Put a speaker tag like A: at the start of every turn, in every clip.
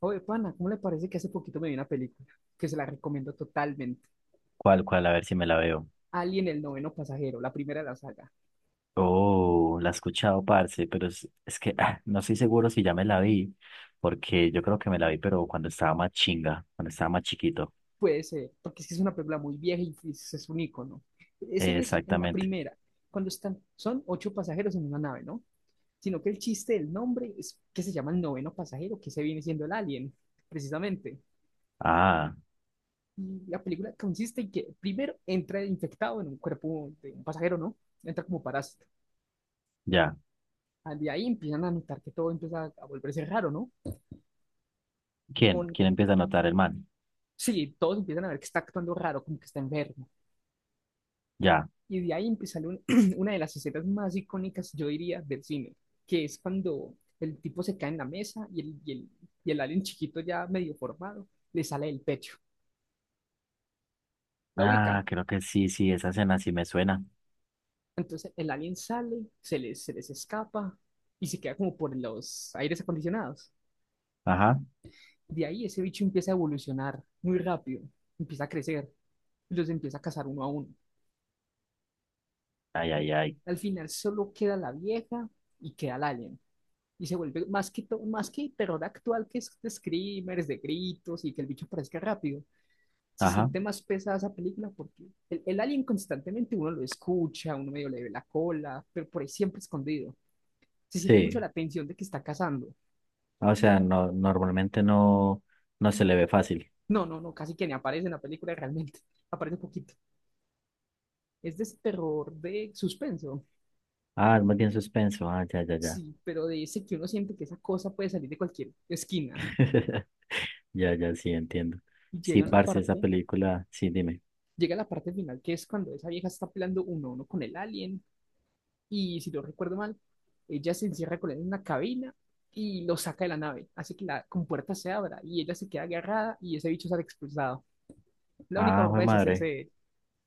A: Oye, pana, ¿cómo le parece que hace poquito me vi una película que se la recomiendo totalmente?
B: ¿Cuál, cuál? A ver si me la veo.
A: Alien, el noveno pasajero, la primera de la saga.
B: Oh, la he escuchado, parce, pero es que no estoy seguro si ya me la vi, porque yo creo que me la vi, pero cuando estaba más chinga, cuando estaba más chiquito.
A: Puede ser, porque es que es una película muy vieja y es un icono. Es en esa, en la
B: Exactamente.
A: primera, cuando están, son ocho pasajeros en una nave, ¿no? Sino que el chiste del nombre es que se llama el noveno pasajero, que se viene siendo el alien, precisamente.
B: Ah,
A: Y la película consiste en que primero entra infectado en un cuerpo de un pasajero, ¿no? Entra como parásito.
B: ya.
A: Ah, de ahí empiezan a notar que todo empieza a volverse raro, ¿no?
B: ¿Quién?
A: con
B: ¿Quién empieza a notar el man?
A: Sí, todos empiezan a ver que está actuando raro, como que está enfermo.
B: Ya.
A: Y de ahí empieza una de las escenas más icónicas, yo diría, del cine, que es cuando el tipo se cae en la mesa y el alien chiquito ya medio formado le sale del pecho. La ubica.
B: Ah, creo que sí, sí, esa escena sí me suena.
A: Entonces el alien sale, se les escapa y se queda como por los aires acondicionados.
B: Ajá.
A: De ahí ese bicho empieza a evolucionar muy rápido, empieza a crecer y los empieza a cazar uno a uno.
B: Ay, ay, ay.
A: Al final solo queda la vieja y queda el alien. Y se vuelve más que terror actual que es de screamers, de gritos y que el bicho aparezca rápido. Se
B: Ajá.
A: siente más pesada esa película porque el alien constantemente uno lo escucha, uno medio le ve la cola, pero por ahí siempre escondido. Se siente mucho
B: Sí.
A: la tensión de que está cazando.
B: O sea, no, normalmente no, no se le ve fácil.
A: No, no, no, casi que ni aparece en la película realmente. Aparece poquito. Es de ese terror de suspenso.
B: Ah, es más bien suspenso. Ah, ya, ya, ya.
A: Sí, pero de ese que uno siente que esa cosa puede salir de cualquier esquina.
B: Ya, ya, sí, entiendo.
A: Y
B: Sí,
A: llega la
B: parce, esa
A: parte,
B: película, sí, dime.
A: llega la parte final, que es cuando esa vieja está peleando uno a uno con el alien y si no recuerdo mal, ella se encierra con él en una cabina y lo saca de la nave, hace que la compuerta se abra y ella se queda agarrada y ese bicho sale expulsado. La única
B: Ah, fue
A: forma de deshacerse
B: madre.
A: de él.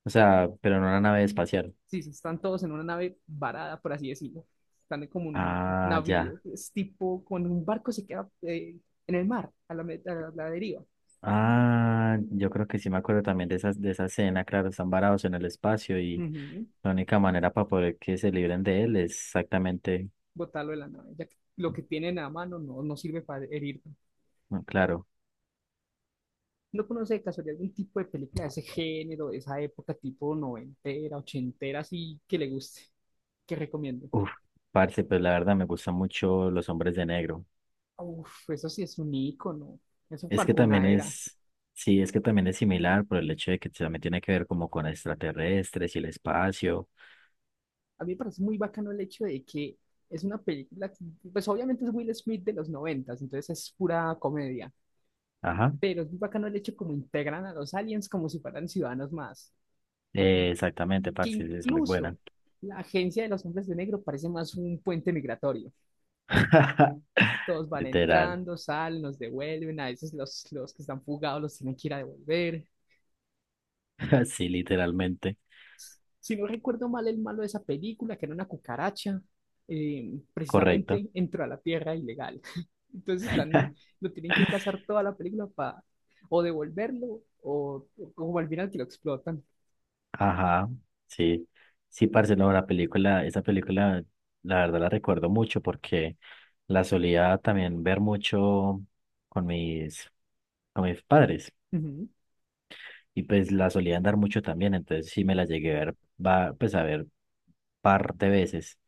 B: O sea, pero no una nave espacial.
A: Sí, sí, están todos en una nave varada, por así decirlo. Están como un
B: Ah, ya.
A: navío, es tipo con un barco se queda en el mar, a la deriva.
B: Ah, yo creo que sí me acuerdo también de esas, de esa escena, claro, están varados en el espacio y
A: Ujú.
B: la única manera para poder que se libren de él es exactamente,
A: Botarlo de la nave, ya que lo que tienen a mano no sirve para herir.
B: no, claro.
A: ¿No conoce de casualidad algún tipo de película de ese género, de esa época, tipo noventera, ochentera, así que le guste? Que recomiendo.
B: Uf, parce, pues la verdad me gustan mucho los hombres de negro.
A: Uf, eso sí es un ícono. Eso
B: Es que
A: marcó
B: también
A: una era.
B: es, Sí, es que también es similar por el hecho de que también tiene que ver como con extraterrestres y el espacio.
A: A mí me parece muy bacano el hecho de que es una película, que, pues obviamente es Will Smith de los noventas, entonces es pura comedia.
B: Ajá.
A: Pero es muy bacano el hecho como integran a los aliens como si fueran ciudadanos más.
B: Exactamente,
A: Que
B: parce, es muy buena.
A: incluso la agencia de los hombres de negro parece más un puente migratorio. Todos van
B: Literal.
A: entrando, salen, los devuelven. A veces los que están fugados los tienen que ir a devolver.
B: Sí, literalmente.
A: Si no recuerdo mal, el malo de esa película, que era una cucaracha,
B: Correcto.
A: precisamente entró a la tierra ilegal. Entonces están, lo tienen que cazar toda la película para o devolverlo o como al final que lo explotan.
B: Ajá, sí. Sí, parce, no, la película, esa película, la verdad la recuerdo mucho porque la solía también ver mucho con mis, con mis padres
A: Ujú.
B: y pues la solía andar mucho también, entonces sí me la llegué a ver, va, pues a ver par de veces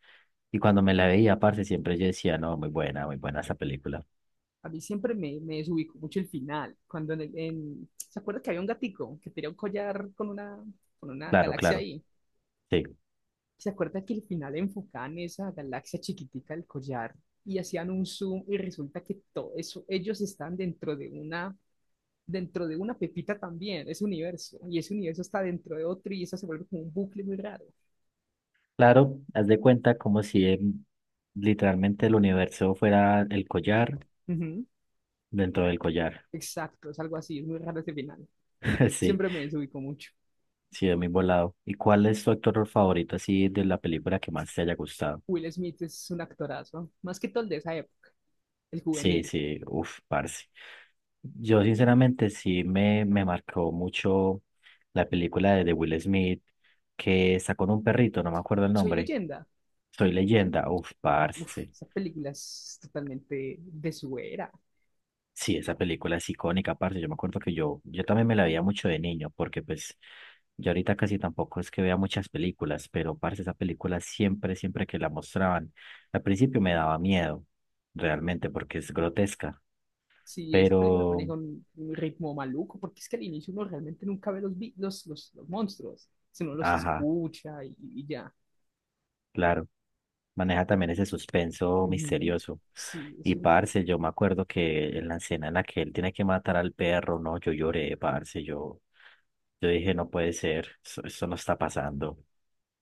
B: y cuando me la veía, parce, siempre yo decía, no, muy buena esa película.
A: A mí siempre me desubicó mucho el final. Cuando en el- en- ¿Se acuerda que había un gatico que tenía un collar con una
B: Claro,
A: galaxia
B: claro,
A: ahí?
B: sí.
A: ¿Se acuerda que al final enfocaban esa galaxia chiquitica del collar y hacían un zoom y resulta que todo eso, ellos están dentro de una pepita también, ese universo, y ese universo está dentro de otro y eso se vuelve como un bucle muy raro?
B: Claro, haz de cuenta como si literalmente el universo fuera el collar
A: Ujú,
B: dentro del collar.
A: exacto, es algo así, es muy raro ese final.
B: Sí,
A: Siempre me desubicó mucho.
B: sí, es muy volado. ¿Y cuál es tu actor favorito así de la película que más te haya gustado?
A: Will Smith es un actorazo, más que todo el de esa época, el
B: Sí,
A: juvenil.
B: sí, uff, parce. Yo sinceramente sí me marcó mucho la película de Will Smith que está con un perrito, no me acuerdo el
A: Soy
B: nombre.
A: leyenda.
B: Soy leyenda, uff,
A: Uf,
B: parce.
A: esa película es totalmente de su era.
B: Sí, esa película es icónica, parce. Yo me acuerdo que yo también me la veía mucho de niño, porque pues yo ahorita casi tampoco es que vea muchas películas, pero parce, esa película siempre que la mostraban, al principio me daba miedo, realmente, porque es grotesca,
A: Sí, esa película
B: pero,
A: maneja un ritmo maluco, porque es que al inicio uno realmente nunca ve los monstruos, sino los
B: ajá,
A: escucha y ya.
B: claro, maneja también ese suspenso
A: Ujú.
B: misterioso.
A: Sí,
B: Y parce, yo me acuerdo que en la escena en la que él tiene que matar al perro, no, yo lloré, parce, yo dije, no puede ser, eso no está pasando.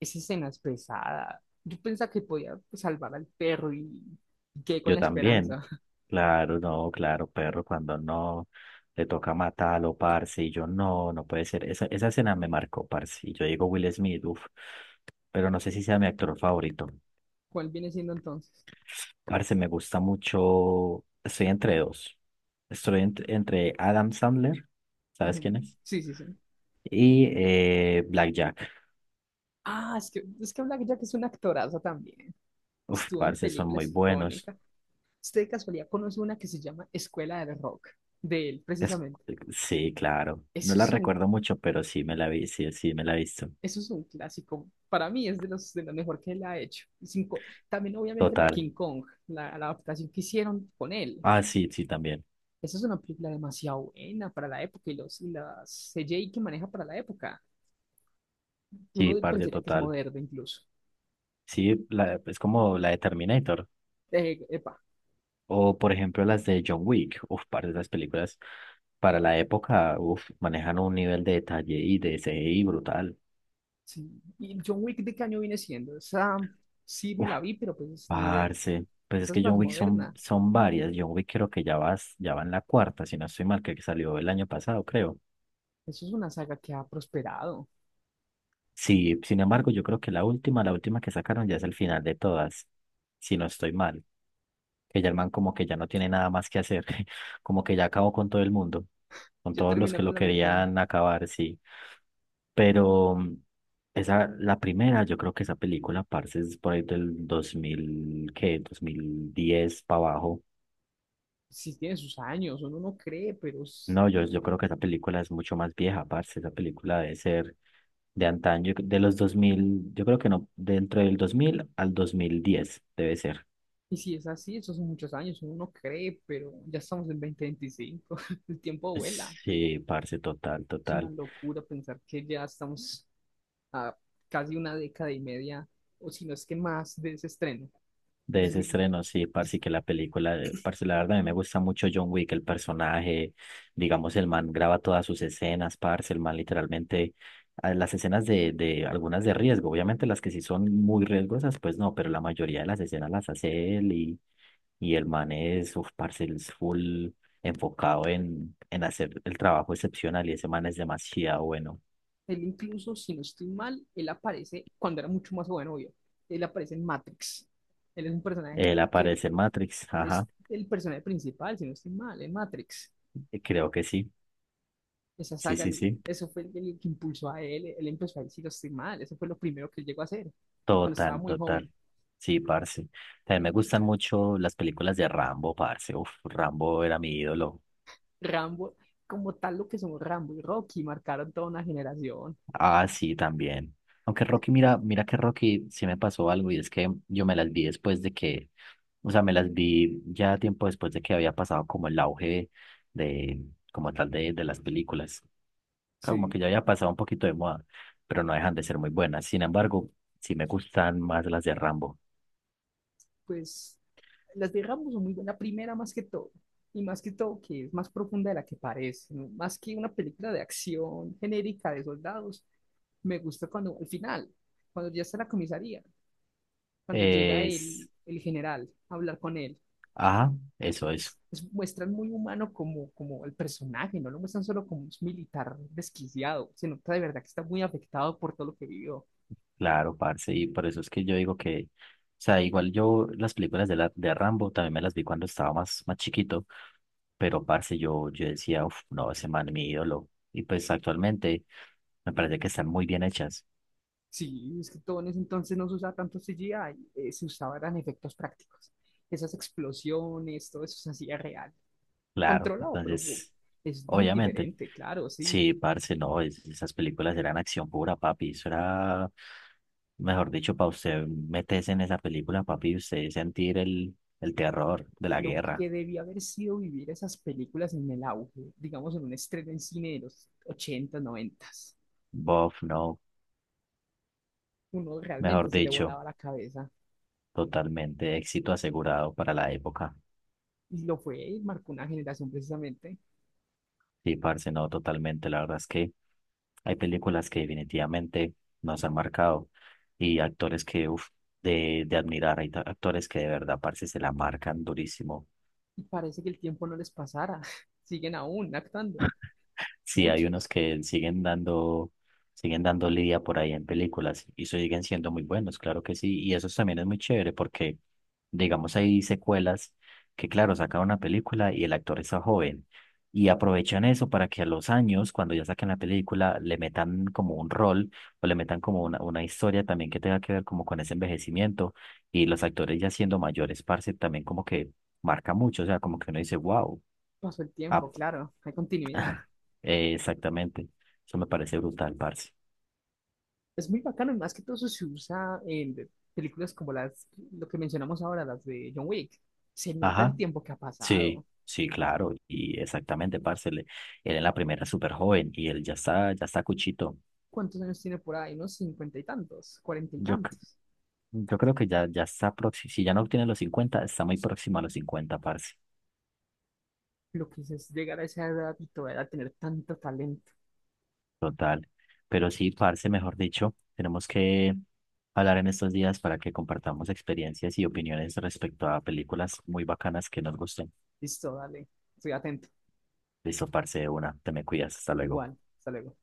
A: esa escena es pesada. Yo pensaba que podía pues, salvar al perro y quedé con
B: Yo
A: la
B: también.
A: esperanza.
B: Claro, no, claro, perro, cuando no le toca matarlo, parce, y yo no puede ser. Esa escena me marcó, parce. Y yo digo Will Smith, uff, pero no sé si sea mi actor favorito.
A: ¿Cuál viene siendo entonces?
B: Parce, me gusta mucho. Estoy entre dos. Estoy entre Adam Sandler, ¿sabes quién
A: Ujú.
B: es?
A: Sí, sí, sí.
B: Y Black Jack.
A: Ah, es que Black Jack es una actoraza también.
B: Uf,
A: Estuvo en
B: parce, son muy
A: películas
B: buenos.
A: icónicas. ¿Usted de casualidad conoce una que se llama Escuela del Rock? De él,
B: Es,
A: precisamente.
B: sí, claro. No
A: Eso
B: la
A: es un
B: recuerdo mucho, pero sí me la vi, sí, sí me la he visto.
A: Eso es un clásico. Para mí es de los de lo mejor que él ha hecho. Sin co- También obviamente la de
B: Total.
A: King Kong, la adaptación que hicieron con él.
B: Ah, sí, sí, también.
A: Esa es una película demasiado buena para la época y los y las CGI que maneja para la época. Uno
B: Sí, parte
A: pensaría que es
B: total.
A: moderno incluso.
B: Sí, es como la de Terminator.
A: Epa,
B: O, por ejemplo, las de John Wick. Uf, parte de esas películas para la época, uf, manejan un nivel de detalle y de CGI brutal.
A: sí. ¿Y John Wick de qué año viene siendo? Esa sí me
B: Uf,
A: la vi, pero pues ni idea.
B: parce. Pues es
A: Esa es
B: que
A: más
B: John Wick son,
A: moderna.
B: son varias. John Wick creo que ya va en la cuarta, si no estoy mal, que salió el año pasado, creo.
A: Eso es una saga que ha prosperado.
B: Sí, sin embargo, yo creo que la última que sacaron ya es el final de todas, si no estoy mal. Que ya el man como que ya no tiene nada más que hacer, como que ya acabó con todo el mundo, con
A: Ya
B: todos los
A: terminó
B: que lo
A: con la misión.
B: querían acabar, sí. Pero esa, la primera, yo creo que esa película, parce, es por ahí del 2000, ¿qué? 2010 para abajo.
A: Sí tiene sus años, uno no cree,
B: No, yo creo que esa película es mucho más vieja, parce, esa película debe ser de antaño, de los 2000, yo creo que no, dentro del 2000 al 2010 debe ser.
A: y si es así, esos son muchos años, uno no cree, pero ya estamos en 2025. El tiempo vuela.
B: Sí, parce, total,
A: Es una
B: total.
A: locura pensar que ya estamos a casi una década y media, o si no es que más, de ese estreno. Y
B: De
A: si-
B: ese
A: si-
B: estreno, sí,
A: y si-
B: parce, que la película, parce, la verdad a mí me gusta mucho John Wick, el personaje, digamos, el man graba todas sus escenas, parce, el man literalmente, las escenas de algunas de riesgo, obviamente las que sí son muy riesgosas, pues no, pero la mayoría de las escenas las hace él y el man es, uf, parce, él es full enfocado en hacer el trabajo excepcional y ese man es demasiado bueno.
A: Él incluso, si no estoy mal, él aparece cuando era mucho más joven, obvio. Él aparece en Matrix. Él es un personaje,
B: Él
A: creo,
B: aparece en Matrix,
A: él es
B: ajá,
A: el personaje principal, si no estoy mal, en Matrix.
B: creo que sí,
A: Esa
B: sí,
A: saga,
B: sí, sí.
A: eso fue el que impulsó a él, él empezó a ir, si no estoy mal, eso fue lo primero que él llegó a hacer, cuando estaba
B: Total,
A: muy joven.
B: total. Sí, parce. También me gustan mucho las películas de Rambo, parce. Uf, Rambo era mi ídolo.
A: Rambo, como tal lo que son Rambo y Rocky, marcaron toda una generación.
B: Ah, sí, también. Aunque
A: Eh,
B: Rocky, mira, mira que Rocky sí me pasó algo y es que yo me las vi después de que, o sea, me las vi ya tiempo después de que había pasado como el auge de, como tal de las películas. Como que
A: Sí,
B: ya había pasado un poquito de moda, pero no dejan de ser muy buenas. Sin embargo, sí me gustan más las de Rambo.
A: pues las de Rambo son muy buenas, la primera más que todo, y más que todo que es más profunda de la que parece, ¿no? Más que una película de acción genérica de soldados, me gusta cuando al final, cuando ya está en la comisaría, cuando llega
B: Es,
A: el general a hablar con él
B: ajá, eso, eso.
A: muestran muy humano como el personaje, no lo muestran solo como un militar desquiciado, se nota de verdad que está muy afectado por todo lo que vivió.
B: Claro, parce, y por eso es que yo digo que, o sea, igual yo las películas de, la, de Rambo también me las vi cuando estaba más chiquito, pero parce, yo decía, uff, no, ese man es mi ídolo, y pues actualmente me parece que están muy bien hechas,
A: Sí, es que todo en ese entonces no se usaba tanto CGI, se usaban efectos prácticos. Esas explosiones, todo eso se hacía real,
B: claro,
A: controlado, pero
B: entonces,
A: es muy
B: obviamente,
A: diferente, claro, sí.
B: sí, parce, no, esas películas eran acción pura, papi, eso era, mejor dicho, para usted meterse en esa película, papi, y usted sentir el terror de la
A: Lo
B: guerra,
A: que debía haber sido vivir esas películas en el auge, digamos en un estreno en cine de los ochenta, 90.
B: bof, no,
A: Uno
B: mejor
A: realmente se le
B: dicho.
A: volaba la cabeza.
B: Totalmente, éxito asegurado para la época.
A: Y lo fue, y marcó una generación precisamente.
B: Sí, parce, no, totalmente. La verdad es que hay películas que definitivamente nos han marcado y actores que, uff, de admirar. Hay actores que de verdad, parce, se la marcan durísimo.
A: Y parece que el tiempo no les pasara. Siguen aún actuando,
B: Sí, hay unos
A: muchos.
B: que siguen dando lidia por ahí en películas y siguen siendo muy buenos, claro que sí. Y eso también es muy chévere porque, digamos, hay secuelas que, claro, sacan una película y el actor está joven y aprovechan eso para que a los años, cuando ya saquen la película, le metan como un rol o le metan como una historia también que tenga que ver como con ese envejecimiento y los actores ya siendo mayores, parce, también como que marca mucho, o sea, como que uno dice, wow.
A: Pasó el tiempo, claro, hay continuidad.
B: Exactamente. Eso me parece brutal, parce.
A: Es muy bacano, y más que todo eso se usa en películas como las, lo que mencionamos ahora, las de John Wick. Se nota el
B: Ajá.
A: tiempo que ha
B: Sí,
A: pasado.
B: sí, claro. Y exactamente, parce. Él en la primera es súper joven y él ya está cuchito.
A: ¿Cuántos años tiene por ahí? Unos cincuenta y tantos, cuarenta y
B: Yo, c-
A: tantos.
B: yo creo que ya está próximo. Si ya no obtiene los 50 está muy próximo a los 50, parce.
A: Lo que es llegar a esa edad y todavía tener tanto talento.
B: Total. Pero sí, parce, mejor dicho, tenemos que hablar en estos días para que compartamos experiencias y opiniones respecto a películas muy bacanas que nos gusten.
A: Listo, dale, estoy atento.
B: Listo, parce, de una. Te me cuidas. Hasta luego.
A: Igual, hasta luego.